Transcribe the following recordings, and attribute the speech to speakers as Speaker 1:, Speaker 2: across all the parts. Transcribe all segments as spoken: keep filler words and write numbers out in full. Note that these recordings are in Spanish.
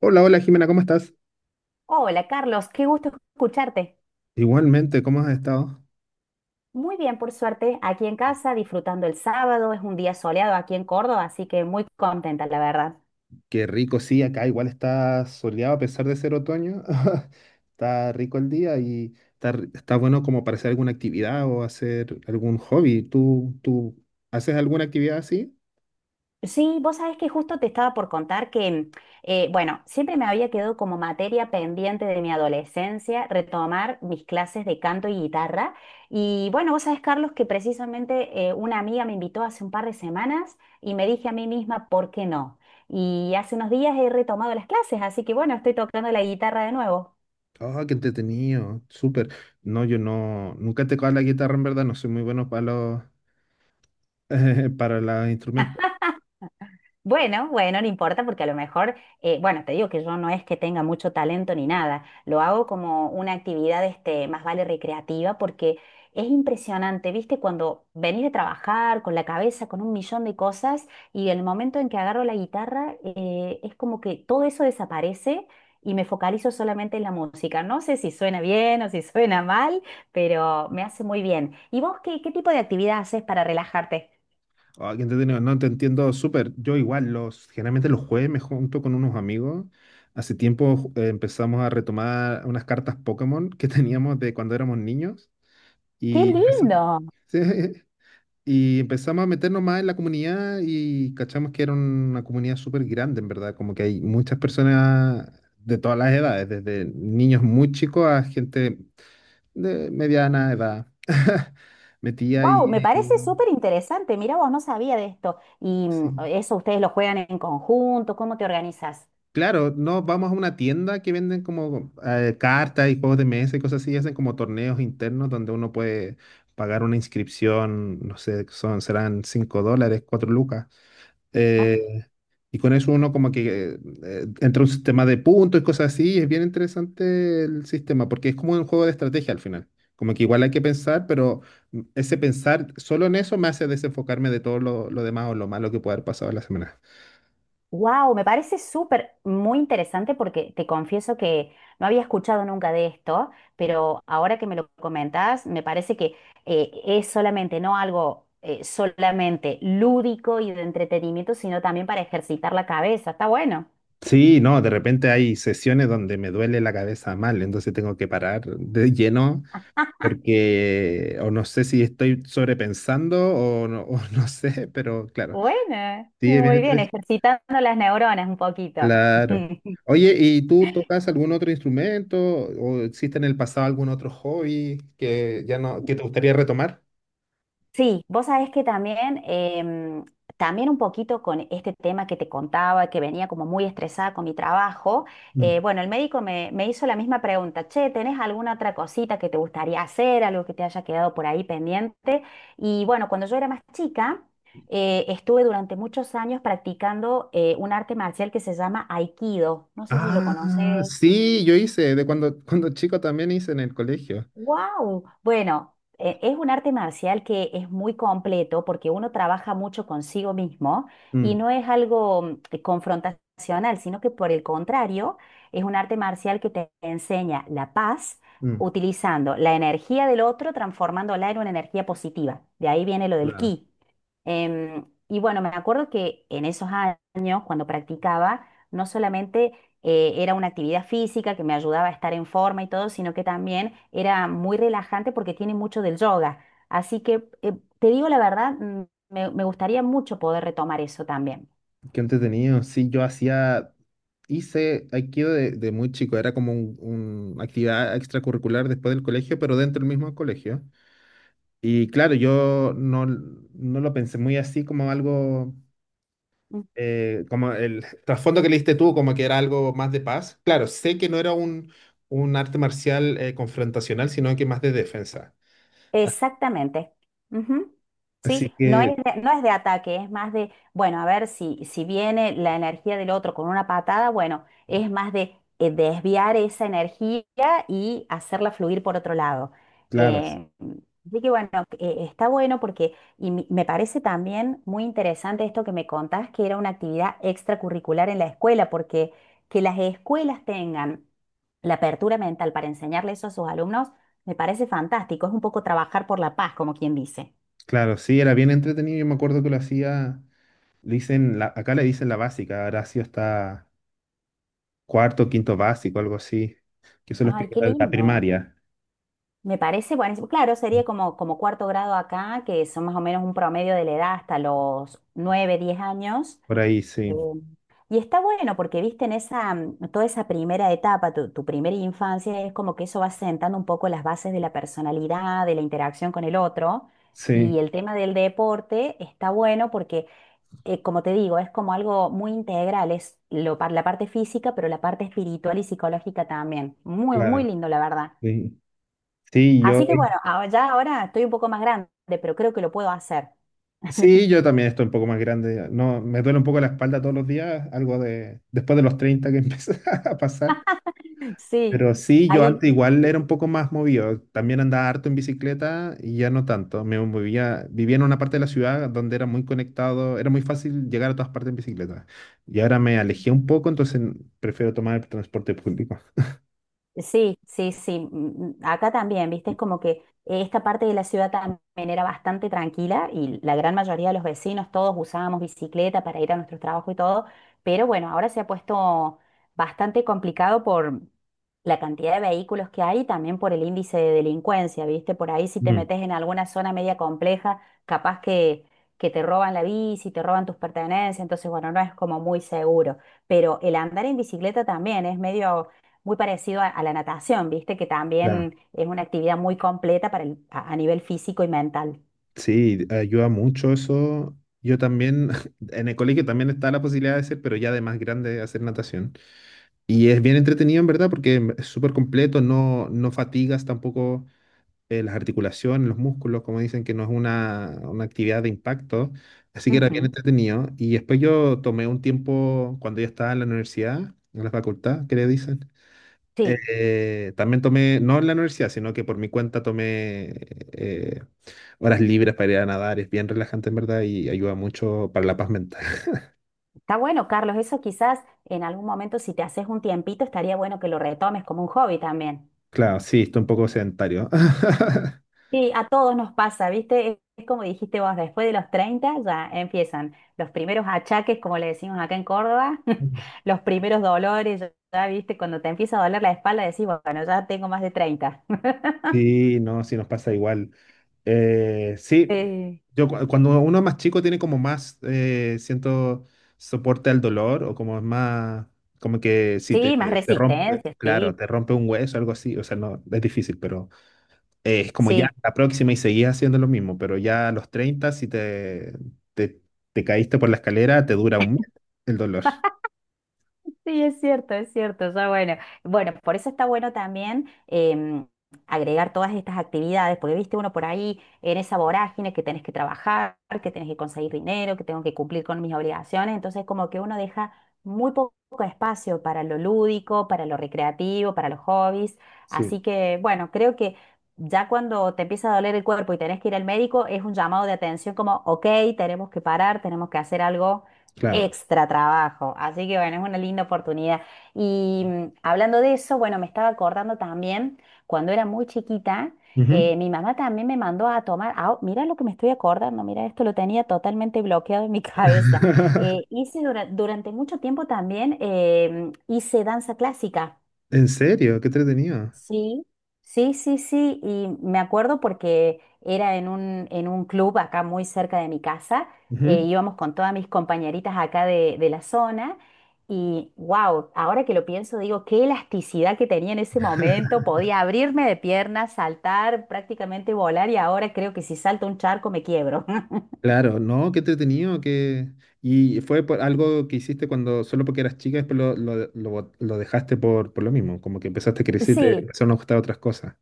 Speaker 1: Hola, hola Jimena, ¿cómo estás?
Speaker 2: Hola Carlos, qué gusto escucharte.
Speaker 1: Igualmente, ¿cómo has estado?
Speaker 2: Muy bien, por suerte, aquí en casa, disfrutando el sábado, es un día soleado aquí en Córdoba, así que muy contenta, la verdad.
Speaker 1: Qué rico, sí, acá igual está soleado a pesar de ser otoño. Está rico el día y está, r- está bueno como para hacer alguna actividad o hacer algún hobby. ¿Tú, tú haces alguna actividad así?
Speaker 2: Sí, vos sabés que justo te estaba por contar que, eh, bueno, siempre me había quedado como materia pendiente de mi adolescencia retomar mis clases de canto y guitarra. Y bueno, vos sabés, Carlos, que precisamente eh, una amiga me invitó hace un par de semanas y me dije a mí misma, ¿por qué no? Y hace unos días he retomado las clases, así que bueno, estoy tocando la guitarra de nuevo.
Speaker 1: Oh, qué entretenido, súper. No, yo no, nunca he tocado la guitarra en verdad, no soy muy bueno para los, para los instrumentos.
Speaker 2: Bueno, bueno, no importa porque a lo mejor, eh, bueno, te digo que yo no es que tenga mucho talento ni nada, lo hago como una actividad, este, más vale recreativa porque es impresionante, ¿viste? Cuando venís de trabajar con la cabeza, con un millón de cosas y el momento en que agarro la guitarra, eh, es como que todo eso desaparece y me focalizo solamente en la música. No sé si suena bien o si suena mal, pero me hace muy bien. ¿Y vos qué, qué tipo de actividad haces para relajarte?
Speaker 1: Ah, qué entretenido. No, te entiendo súper. Yo igual, los, generalmente los jueves me junto con unos amigos. Hace tiempo ju- eh, empezamos a retomar unas cartas Pokémon que teníamos de cuando éramos niños.
Speaker 2: ¡Qué
Speaker 1: Y, empeza-
Speaker 2: lindo!
Speaker 1: sí. Y empezamos a meternos más en la comunidad y cachamos que era una comunidad súper grande, en verdad. Como que hay muchas personas de todas las edades, desde niños muy chicos a gente de mediana edad. Metía
Speaker 2: Wow, me
Speaker 1: y...
Speaker 2: parece súper interesante. Mira, vos no sabía de esto. Y mm, eso ustedes lo juegan en conjunto, ¿cómo te organizas?
Speaker 1: Claro, no, vamos a una tienda que venden como eh, cartas y juegos de mesa y cosas así, y hacen como torneos internos donde uno puede pagar una inscripción, no sé, son, serán cinco dólares, cuatro lucas.
Speaker 2: Ah,
Speaker 1: eh, y con eso uno como que eh, entra un sistema de puntos y cosas así, y es bien interesante el sistema, porque es como un juego de estrategia al final. Como que igual hay que pensar, pero ese pensar solo en eso me hace desenfocarme de todo lo, lo demás o lo malo que puede haber pasado en la semana.
Speaker 2: wow, me parece súper muy interesante porque te confieso que no había escuchado nunca de esto, pero ahora que me lo comentás, me parece que eh, es solamente, no algo eh, solamente lúdico y de entretenimiento, sino también para ejercitar la cabeza. Está bueno.
Speaker 1: Sí, no, de repente hay sesiones donde me duele la cabeza mal, entonces tengo que parar de lleno porque o no sé si estoy sobrepensando o no, o no sé, pero claro,
Speaker 2: Bueno,
Speaker 1: sí, es bien
Speaker 2: muy bien,
Speaker 1: interesante.
Speaker 2: ejercitando las neuronas un poquito.
Speaker 1: Claro. Oye, ¿y tú tocas algún otro instrumento o existe en el pasado algún otro hobby que ya no, que te gustaría retomar?
Speaker 2: Sí, vos sabés que también, em, también un poquito con este tema que te contaba, que venía como muy estresada con mi trabajo,
Speaker 1: Mm.
Speaker 2: eh, bueno, el médico me, me hizo la misma pregunta, che, ¿tenés alguna otra cosita que te gustaría hacer, algo que te haya quedado por ahí pendiente? Y bueno, cuando yo era más chica, eh, estuve durante muchos años practicando eh, un arte marcial que se llama Aikido, no sé si lo
Speaker 1: Ah,
Speaker 2: conoces.
Speaker 1: sí, yo hice, de cuando, cuando chico también hice en el colegio.
Speaker 2: Wow. Bueno, e- es un arte marcial que es muy completo porque uno trabaja mucho consigo mismo y
Speaker 1: Mm,
Speaker 2: no es algo mm, eh, confrontacional, sino que por el contrario, es un arte marcial que te enseña la paz
Speaker 1: mm,
Speaker 2: utilizando la energía del otro, transformándola en una energía positiva. De ahí viene lo del
Speaker 1: claro.
Speaker 2: ki. Em, y bueno, me acuerdo que en esos años, cuando practicaba, no solamente eh, era una actividad física que me ayudaba a estar en forma y todo, sino que también era muy relajante porque tiene mucho del yoga. Así que, eh, te digo la verdad, mm, me, me gustaría mucho poder retomar eso también.
Speaker 1: Qué entretenido. Sí, yo hacía, hice Aikido de, de muy chico. Era como un, un actividad extracurricular después del colegio, pero dentro del mismo colegio. Y claro, yo no, no lo pensé muy así como algo, eh, como el trasfondo que le diste tú, como que era algo más de paz. Claro, sé que no era un, un arte marcial eh, confrontacional, sino que más de defensa.
Speaker 2: Exactamente. Ujú.
Speaker 1: Así
Speaker 2: Sí, no
Speaker 1: que,
Speaker 2: es de, no es de ataque, es más de, bueno, a ver si, si viene la energía del otro con una patada, bueno, es más de eh, desviar esa energía y hacerla fluir por otro lado.
Speaker 1: claro, s-
Speaker 2: Eh, Así que bueno, eh, está bueno porque, y me me parece también muy interesante esto que me contás, que era una actividad extracurricular en la escuela, porque que las escuelas tengan la apertura mental para enseñarle eso a sus alumnos me parece fantástico, es un poco trabajar por la paz, como quien dice.
Speaker 1: claro, sí, era bien entretenido. Yo me acuerdo que lo hacía, le dicen, la, acá le dicen la básica. Horacio está cuarto, quinto básico, algo así, que son los
Speaker 2: Ay, qué
Speaker 1: primeros de la
Speaker 2: lindo.
Speaker 1: primaria,
Speaker 2: Me parece buenísimo. Claro, sería como, como cuarto grado acá, que son más o menos un promedio de la edad hasta los nueve, diez años.
Speaker 1: por ahí,
Speaker 2: Eh,
Speaker 1: sí,
Speaker 2: y está bueno porque, viste, en esa, mm, toda esa primera etapa, tu, tu primera infancia, es como que eso va sentando un poco las bases de la personalidad, de la interacción con el otro. Y
Speaker 1: sí,
Speaker 2: el tema del deporte está bueno porque eh, como te digo, es como algo muy integral, es lo, par- la parte física, pero la parte espiritual y psicológica también. Muy, muy
Speaker 1: claro,
Speaker 2: lindo, la verdad.
Speaker 1: sí. Sí, yo,
Speaker 2: Así que bueno, ahora- ya ahora estoy un poco más grande, pero creo que lo puedo hacer.
Speaker 1: sí, yo también estoy un poco más grande. No, me duele un poco la espalda todos los días, algo de después de los treinta que empieza a pasar.
Speaker 2: Sí,
Speaker 1: Pero sí, yo
Speaker 2: ahí.
Speaker 1: antes igual era un poco más movido. También andaba harto en bicicleta y ya no tanto. Me movía, vivía en una parte de la ciudad donde era muy conectado, era muy fácil llegar a todas partes en bicicleta. Y ahora me alejé un poco, entonces prefiero tomar el transporte público.
Speaker 2: Sí, sí, sí. mm, mm, Acá también, viste, es como que esta parte de la ciudad también era bastante tranquila y la gran mayoría de los vecinos, todos usábamos bicicleta para ir a nuestro trabajo y todo, pero bueno, ahora se ha puesto bastante complicado por la cantidad de vehículos que hay y también por el índice de delincuencia, viste, por ahí si te
Speaker 1: Mm.
Speaker 2: metes en alguna zona media compleja, capaz que, que te roban la bici, te roban tus pertenencias, entonces bueno, no es como muy seguro, pero el andar en bicicleta también es medio muy parecido a, a la natación, ¿viste? Que
Speaker 1: Claro.
Speaker 2: también es una actividad muy completa para el- a, a nivel físico y mental.
Speaker 1: Sí, ayuda mucho eso. Yo también, en el colegio también está la posibilidad de hacer, pero ya de más grande hacer natación. Y es bien entretenido, en verdad, porque em, es súper completo, no, no fatigas tampoco eh, las articulaciones, los músculos, como dicen que no es una, una actividad de impacto. Así que era bien
Speaker 2: Ujú.
Speaker 1: entretenido. Y después yo tomé un tiempo cuando yo estaba en la universidad, en la facultad, ¿qué le dicen?
Speaker 2: Sí,
Speaker 1: Eh, también tomé, no en la universidad, sino que por mi cuenta tomé eh, horas libres para ir a nadar, es bien relajante en verdad y ayuda mucho para la paz mental.
Speaker 2: está bueno, Carlos. Eso quizás en algún momento, si te haces un tiempito, estaría bueno que lo retomes como un hobby también.
Speaker 1: Claro, sí, estoy un poco sedentario.
Speaker 2: Sí, a todos nos pasa, ¿viste? Es, es como dijiste vos, después de los treinta ya empiezan los primeros achaques, como le decimos acá en Córdoba, los primeros dolores, ya, ya, ¿viste? Cuando te empieza a doler la espalda, decís, bueno, ya tengo más de treinta.
Speaker 1: Sí, no, sí nos pasa igual. Eh, sí,
Speaker 2: Eh,
Speaker 1: yo cu- cuando uno es más chico tiene como más, eh, siento, soporte al dolor o como es más, como que si te,
Speaker 2: Sí, más
Speaker 1: te rompe,
Speaker 2: resistencia, sí.
Speaker 1: claro, te rompe un hueso, algo así, o sea, no, es difícil, pero... eh, es como ya
Speaker 2: Sí,
Speaker 1: la próxima y seguías haciendo lo mismo, pero ya a los treinta si te, te, te, caíste por la escalera, te dura un mes el dolor.
Speaker 2: sí, es cierto, es cierto. Ya bueno, bueno, por eso está bueno también em, agregar todas estas actividades, porque viste uno por ahí en esa vorágine que tenés que trabajar, que tenés que conseguir dinero, que tengo que cumplir con mis obligaciones, entonces como que uno deja muy poco espacio para lo lúdico, para lo recreativo, para los hobbies.
Speaker 1: Sí,
Speaker 2: Así que bueno, creo que ya cuando te empieza a doler el cuerpo y tenés que ir al médico, es un llamado de atención como, ok, tenemos que parar, tenemos que hacer algo.
Speaker 1: claro.
Speaker 2: Extra trabajo. Así que bueno, es una linda oportunidad. Y mm, hablando de eso, bueno, me estaba acordando también, cuando era muy chiquita,
Speaker 1: Ujú.
Speaker 2: eh, mi mamá también me mandó a tomar, ah, mira lo que me estoy acordando, mira, esto lo tenía totalmente bloqueado en mi cabeza. Eh, hice dura- durante mucho tiempo también, eh, hice danza clásica.
Speaker 1: ¿En serio? Qué entretenido.
Speaker 2: Sí, sí, sí, sí, y me acuerdo porque era en un, en un club acá muy cerca de mi casa, eh,
Speaker 1: Ujú.
Speaker 2: íbamos con todas mis compañeritas acá de, de la zona y wow, ahora que lo pienso digo, qué elasticidad que tenía en ese momento, podía abrirme de piernas, saltar, prácticamente volar y ahora creo que si salto un charco me quiebro.
Speaker 1: Claro, no, qué entretenido que... ¿Y fue por algo que hiciste cuando solo porque eras chica, después lo, lo, lo bot- lo dejaste por, por lo mismo? Como que empezaste a crecer y te
Speaker 2: Sí.
Speaker 1: empezaron a gustar otras cosas.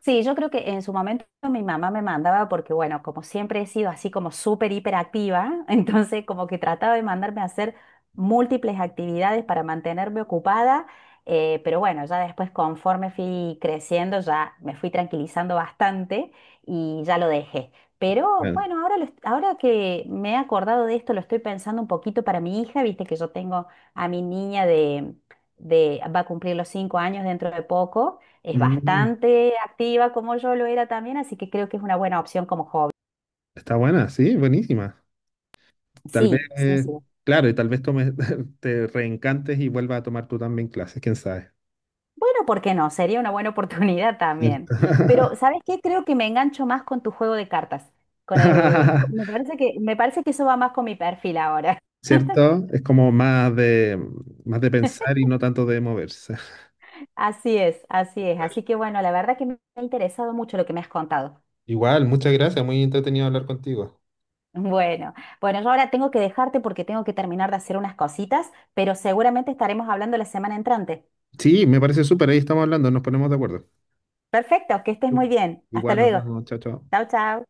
Speaker 2: Sí, yo creo que en su momento mi mamá me mandaba porque, bueno, como siempre he sido así como súper hiperactiva, entonces como que trataba de mandarme a hacer múltiples actividades para mantenerme ocupada, eh, pero bueno, ya después conforme fui creciendo ya me fui tranquilizando bastante y ya lo dejé. Pero
Speaker 1: Claro.
Speaker 2: bueno, ahora, lo est- ahora que me he acordado de esto, lo estoy pensando un poquito para mi hija, viste que yo tengo a mi niña de, de va a cumplir los cinco años dentro de poco. Es
Speaker 1: Mm,
Speaker 2: bastante activa como yo lo era también, así que creo que es una buena opción como hobby.
Speaker 1: está buena, sí, buenísima. Tal vez,
Speaker 2: Sí, sí,
Speaker 1: eh,
Speaker 2: sí.
Speaker 1: claro, y tal vez tomes, te reencantes y vuelvas a tomar tú también clases, quién sabe.
Speaker 2: Bueno, ¿por qué no? Sería una buena oportunidad también.
Speaker 1: ¿Cierto?
Speaker 2: Pero, ¿sabes qué? Creo que me engancho más con tu juego de cartas. Con el, me parece que, me parece que eso va más con mi perfil ahora.
Speaker 1: ¿Cierto? Es como más de, más de pensar y no tanto de moverse.
Speaker 2: Así es, así es.
Speaker 1: Ver.
Speaker 2: Así que bueno, la verdad que me ha interesado mucho lo que me has contado.
Speaker 1: Igual, muchas gracias, muy entretenido hablar contigo.
Speaker 2: Bueno, bueno, yo ahora tengo que dejarte porque tengo que terminar de hacer unas cositas, pero seguramente estaremos hablando la semana entrante.
Speaker 1: Sí, me parece súper, ahí estamos hablando, nos ponemos de acuerdo.
Speaker 2: Perfecto, que estés muy
Speaker 1: Súper.
Speaker 2: bien. Hasta
Speaker 1: Igual, nos
Speaker 2: luego.
Speaker 1: vemos, chao, chao.
Speaker 2: Chao, chao.